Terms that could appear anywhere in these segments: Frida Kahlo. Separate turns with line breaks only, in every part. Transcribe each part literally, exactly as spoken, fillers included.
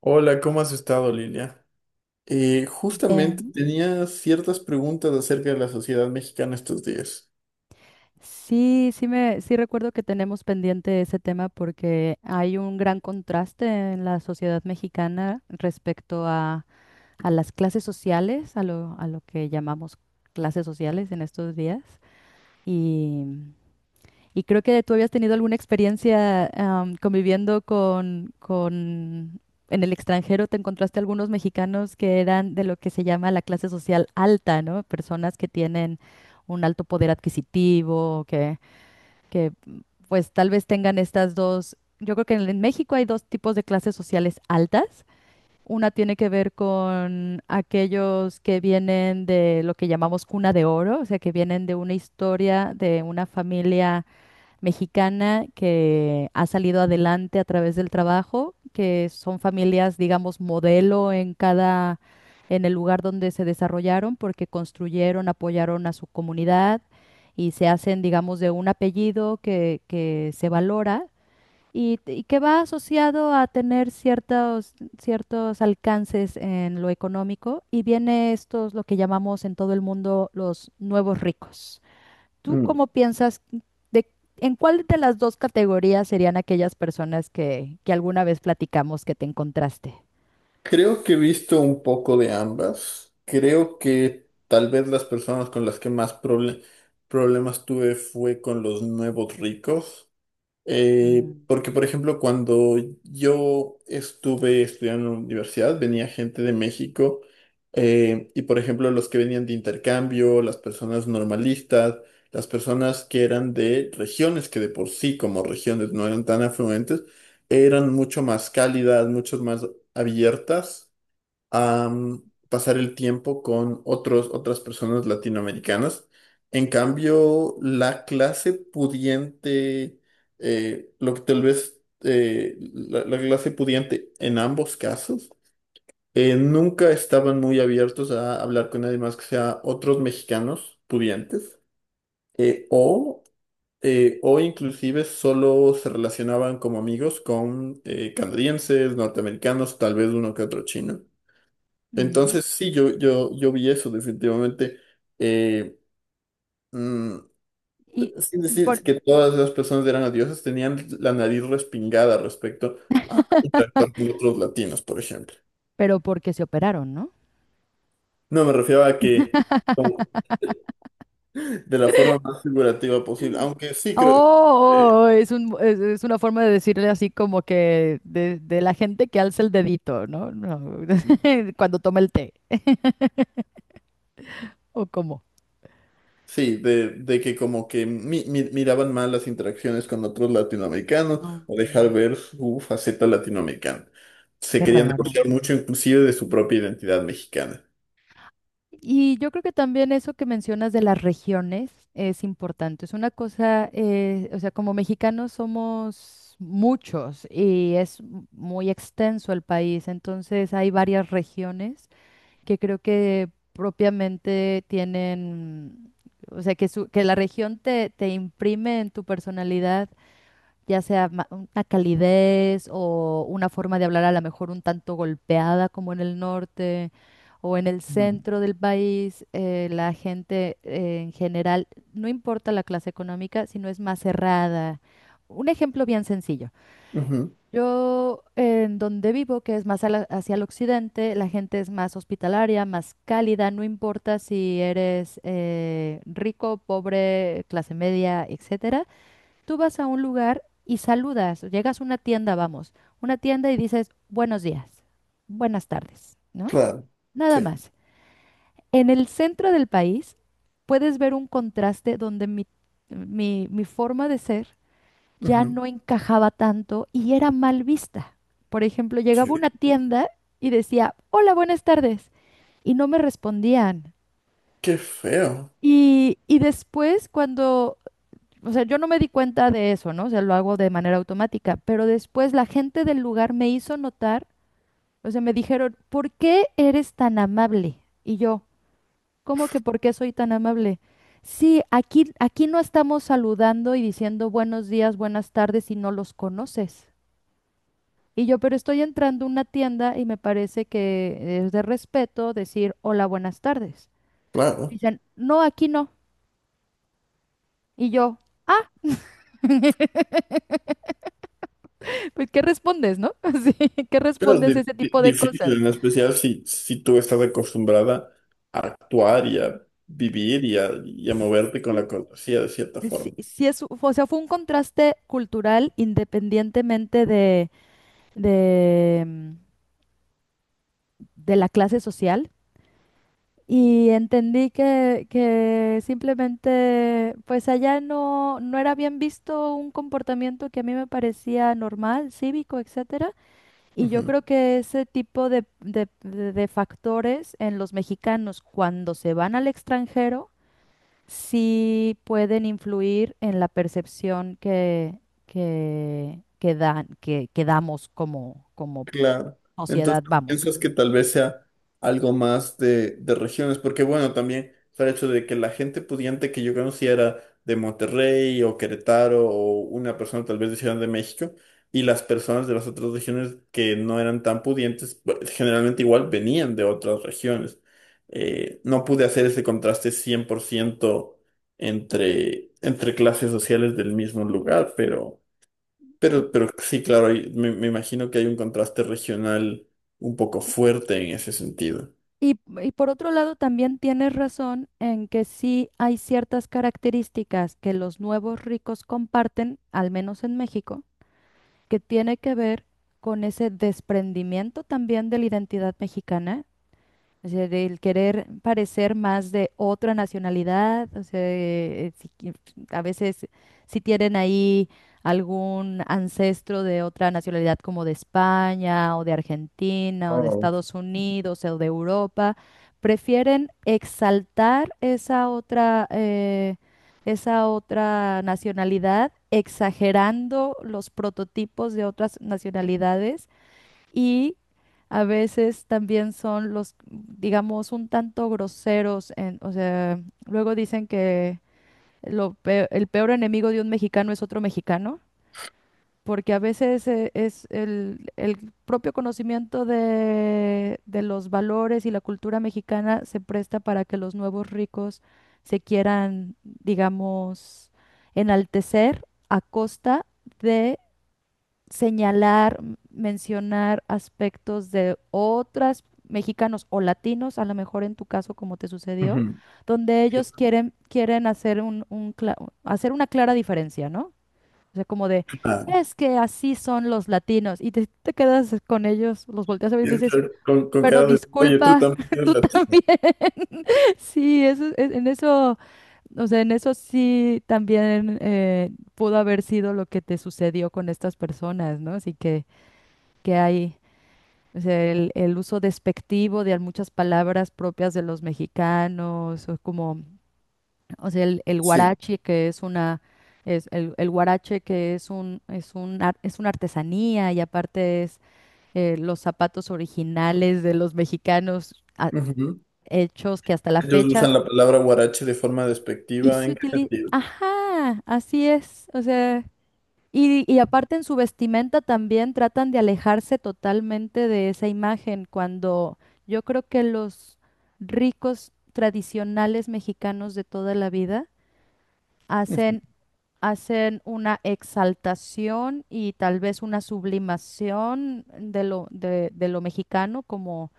Hola, ¿cómo has estado, Lilia? Eh, justamente
Bien.
tenía ciertas preguntas acerca de la sociedad mexicana estos días.
Sí, sí me, sí recuerdo que tenemos pendiente ese tema porque hay un gran contraste en la sociedad mexicana respecto a, a las clases sociales, a lo, a lo que llamamos clases sociales en estos días. Y, y creo que tú habías tenido alguna experiencia am, conviviendo con, con, en el extranjero, te encontraste algunos mexicanos que eran de lo que se llama la clase social alta, ¿no? Personas que tienen un alto poder adquisitivo, que que pues tal vez tengan estas dos. Yo creo que en en México hay dos tipos de clases sociales altas. Una tiene que ver con aquellos que vienen de lo que llamamos cuna de oro, o sea, que vienen de una historia, de una familia mexicana que ha salido adelante a través del trabajo, que son familias, digamos, modelo en cada, en el lugar donde se desarrollaron, porque construyeron, apoyaron a su comunidad y se hacen, digamos, de un apellido que, que se valora y, y que va asociado a tener ciertos, ciertos alcances en lo económico. Y viene estos, lo que llamamos en todo el mundo los nuevos ricos. ¿Tú
Mm,
cómo piensas de en cuál de las dos categorías serían aquellas personas que, que alguna vez platicamos que te encontraste?
Creo que he visto un poco de ambas. Creo que tal vez las personas con las que más proble- problemas tuve fue con los nuevos ricos. Eh,
Mm.
porque, por ejemplo, cuando yo estuve estudiando en la universidad, venía gente de México eh, y, por ejemplo, los que venían de intercambio, las personas normalistas, las personas que eran de regiones que de por sí como regiones no eran tan afluentes, eran mucho más cálidas, mucho más abiertas a mm, pasar el tiempo con otros, otras personas latinoamericanas. En cambio, la clase pudiente, eh, lo que tal vez eh, la, la clase pudiente en ambos casos, eh, nunca estaban muy abiertos a hablar con nadie más que sea otros mexicanos pudientes eh, o, eh, o inclusive solo se relacionaban como amigos con eh, canadienses, norteamericanos, tal vez uno que otro chino.
Ujú.
Entonces, sí, yo, yo, yo vi eso definitivamente. Eh, mm,
Y
Sin
por-
decir que todas las personas eran dioses, tenían la nariz respingada respecto a interactuar con otros latinos, por ejemplo.
pero porque se operaron, ¿no?
No, me refiero a que como, de la forma más figurativa posible, aunque sí creo,
Oh,
eh,
oh, es un, es, es una forma de decirle así como que de, de la gente que alza el dedito, ¿no? No, cuando toma el té. ¿O cómo?
sí, de, de que como que mi- mi- miraban mal las interacciones con otros latinoamericanos
No.
o dejar ver su faceta latinoamericana. Se
Qué
querían
raro.
divorciar mucho inclusive de su propia identidad mexicana.
Y yo creo que también eso que mencionas de las regiones es importante. Es una cosa, eh, o sea, como mexicanos somos muchos y es m- muy extenso el país, entonces hay varias regiones que creo que propiamente tienen, o sea, que, su- que la región te, te imprime en tu personalidad ya sea ma- una calidez o una forma de hablar a lo mejor un tanto golpeada como en el norte o en el
Mm.
centro del país, eh, la gente eh, en general, no importa la clase económica, sino es más cerrada. Un ejemplo bien sencillo.
Ujú,
Yo en donde vivo, que es más a la- hacia el occidente, la gente es más hospitalaria, más cálida, no importa si eres eh, rico, pobre, clase media, etcétera. Tú vas a un lugar y saludas, llegas a una tienda, vamos, una tienda y dices buenos días, buenas tardes, ¿no?
claro,
Nada
sí.
más. En el centro del país puedes ver un contraste donde mi, mi, mi forma de ser ya
Ujú.
no encajaba tanto y era mal vista. Por ejemplo, llegaba
Sí.
a una tienda y decía, hola, buenas tardes, y no me respondían.
Qué feo,
Y, y después, cuando... O sea, yo no me di cuenta de eso, ¿no? O sea, lo hago de manera automática, pero después la gente del lugar me hizo notar, o sea, me dijeron, ¿por qué eres tan amable? Y yo, ¿cómo que por qué soy tan amable? Sí, aquí, aquí no estamos saludando y diciendo buenos días, buenas tardes si no los conoces. Y yo, pero estoy entrando a una tienda y me parece que es de respeto decir hola, buenas tardes.
claro.
Dicen, no, aquí no. Y yo, ah. Pues, ¿qué respondes, no? Sí, ¿qué
Pero es
respondes a
di-
ese
di-
tipo de
difícil,
cosas?
en especial si, si tú estás acostumbrada a actuar y a vivir y a, y a moverte con la
Sí,
cortesía de cierta
sí,
forma.
sí es, o sea, fue un contraste cultural independientemente de, de, mm, de la clase social. Y entendí que, que simplemente, pues allá no, no era bien visto un comportamiento que a mí me parecía normal, cívico, etcétera. Y yo creo que ese tipo de, de de- de factores en los mexicanos cuando se van al extranjero sí pueden influir en la percepción que, que, que dan, que, que damos como, como
Claro.
sociedad,
Entonces,
vamos.
piensas que tal vez sea algo más de, de regiones, porque bueno, también está el hecho de que la gente pudiente que yo conocía era de Monterrey o Querétaro o una persona tal vez de Ciudad de México, y las personas de las otras regiones que no eran tan pudientes, pues, generalmente igual venían de otras regiones. Eh, no pude hacer ese contraste cien por ciento entre, entre clases sociales del mismo lugar, pero... Pero, pero sí, claro, hay- me, me imagino que hay un contraste regional un poco fuerte en ese sentido.
Y, y por otro lado, también tienes razón en que sí hay ciertas características que los nuevos ricos comparten, al menos en México, que tiene que ver con ese desprendimiento también de la identidad mexicana. O sea, del querer parecer más de otra nacionalidad, o sea, eh, si qui- a veces si tienen ahí algún ancestro de otra nacionalidad como de España o de Argentina o de
Oh,
Estados Unidos o de Europa, prefieren exaltar esa otra, eh, esa otra nacionalidad, exagerando los prototipos de otras nacionalidades y a veces también son los, digamos, un tanto groseros en, o sea, luego dicen que lo pe- el peor enemigo de un mexicano es otro mexicano, porque a veces eh, es el, el propio conocimiento de, de los valores y la cultura mexicana se presta para que los nuevos ricos se quieran, digamos, enaltecer a costa señalar, mencionar aspectos de otras mexicanos o latinos, a lo mejor en tu caso como te sucedió,
ujú,
donde ellos quieren, quieren hacer un, un cla- hacer una clara diferencia, ¿no? O sea, como de,
ah,
es que así son los latinos, y te, te quedas con ellos, los volteas a ver y dices,
con, con
pero
cara de, oye, tú
disculpa,
también eres
tú
latino.
también. Sí, eso, es- en eso, o sea, en eso sí también eh, pudo haber sido lo que te sucedió con estas personas, ¿no? Así que que hay, o sea, el, el uso despectivo de muchas palabras propias de los mexicanos, o como, o sea, el, el
Sí.
huarache, que es una, es el, el huarache que es un, es un ar- es una artesanía y aparte es eh, los zapatos originales de los mexicanos ah,
Ujú.
hechos que hasta la
Ellos
fecha,
usan la palabra huarache de forma
y
despectiva,
se
¿en qué
utiliza,
sentido?
ajá, así es, o sea... Y, y aparte en su vestimenta también tratan de alejarse totalmente de esa imagen, cuando yo creo que los ricos tradicionales mexicanos de toda la vida
Ujú,
hacen, hacen una exaltación y tal vez una sublimación de lo, de, de lo mexicano, como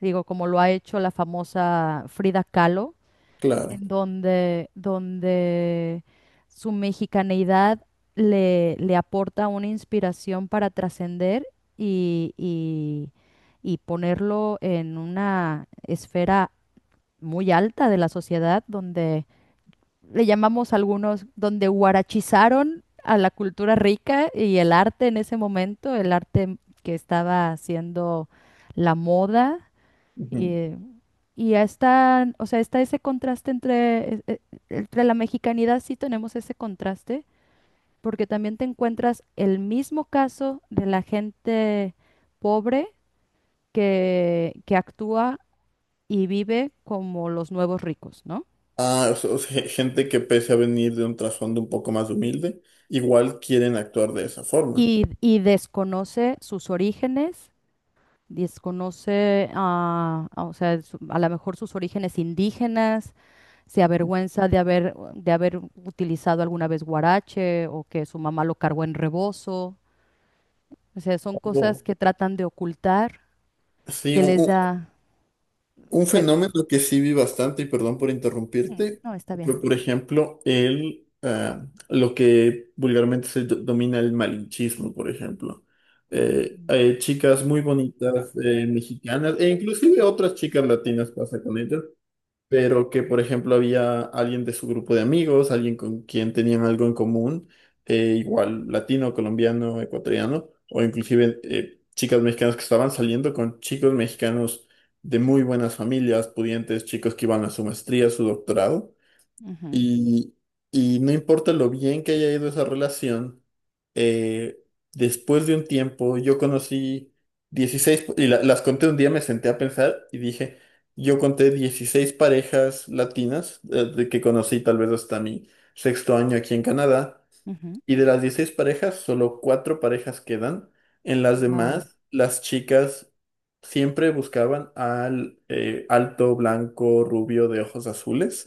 digo, como lo ha hecho la famosa Frida Kahlo
claro.
en donde, donde su mexicaneidad le, le aporta una inspiración para trascender y, y- y ponerlo en una esfera muy alta de la sociedad, donde le llamamos algunos, donde guarachizaron a la cultura rica y el arte en ese momento, el arte que estaba haciendo la moda.
Ujú.
Y ya está, o sea, está ese contraste entre, e- e- entre la mexicanidad, sí tenemos ese contraste, porque también te encuentras el mismo caso de la gente pobre que, que actúa y vive como los nuevos ricos, ¿no?
Ah, o sea, o sea, gente que pese a venir de un trasfondo un poco más humilde, igual quieren actuar de esa forma.
Y, y desconoce sus orígenes, desconoce, ah, ah, o sea, su- a lo mejor sus orígenes indígenas, se avergüenza de haber, de haber utilizado alguna vez guarache o que su mamá lo cargó en rebozo. O sea, son cosas
Oh,
que tratan de ocultar,
sí,
que
un,
les
un-
da...
un
pe-
fenómeno que sí vi bastante, y perdón por
mm,
interrumpirte,
no, está bien.
fue por ejemplo el, ah, lo que vulgarmente se do- domina el malinchismo, por ejemplo. Eh, hay chicas muy bonitas eh, mexicanas, e inclusive otras chicas latinas pasa con ellas, pero que por ejemplo había alguien de su grupo de amigos, alguien con quien tenían algo en común, eh, igual latino, colombiano, ecuatoriano, o inclusive eh, chicas mexicanas que estaban saliendo con chicos mexicanos de muy buenas familias, pudientes, chicos que iban a su maestría, su doctorado. Y, y no importa lo bien que haya ido esa relación, eh, después de un tiempo yo conocí dieciséis y la- las conté un día, me senté a pensar y dije, yo conté dieciséis parejas latinas eh, de que conocí tal vez hasta mi sexto año aquí en Canadá, y de las dieciséis parejas, solo cuatro parejas quedan. En las
Wow.
demás, las chicas siempre buscaban al eh, alto, blanco, rubio de ojos azules.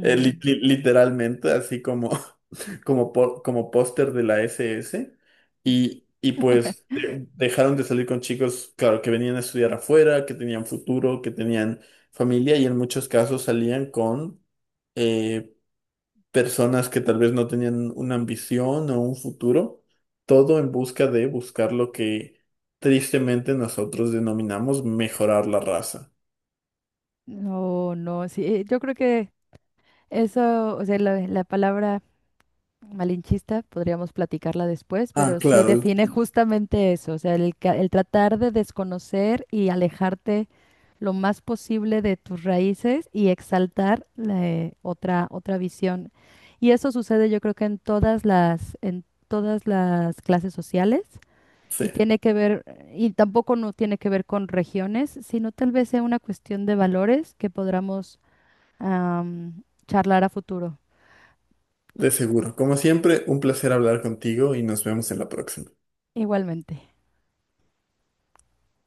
Eh, li- li- literalmente, así como, como, po- como póster de la S S. Y, y pues de- dejaron de salir con chicos, claro, que venían a estudiar afuera, que tenían futuro, que tenían familia y en muchos casos salían con eh, personas que tal vez no tenían una ambición o un futuro, todo en busca de buscar lo que tristemente nosotros denominamos mejorar la raza.
No, no, sí, eh, yo creo que eso, o sea, la, la palabra malinchista, podríamos platicarla después,
Ah,
pero sí
claro,
define justamente eso, o sea, el, ca- el tratar de desconocer y alejarte lo más posible de tus raíces y exaltar la, eh, otra, otra visión. Y eso sucede yo creo que en todas las, en todas las clases sociales y
sí.
tiene que ver, y tampoco no tiene que ver con regiones, sino tal vez sea una cuestión de valores que podamos am, charlar a futuro
De seguro. Como siempre, un placer hablar contigo y nos vemos en la próxima.
igualmente.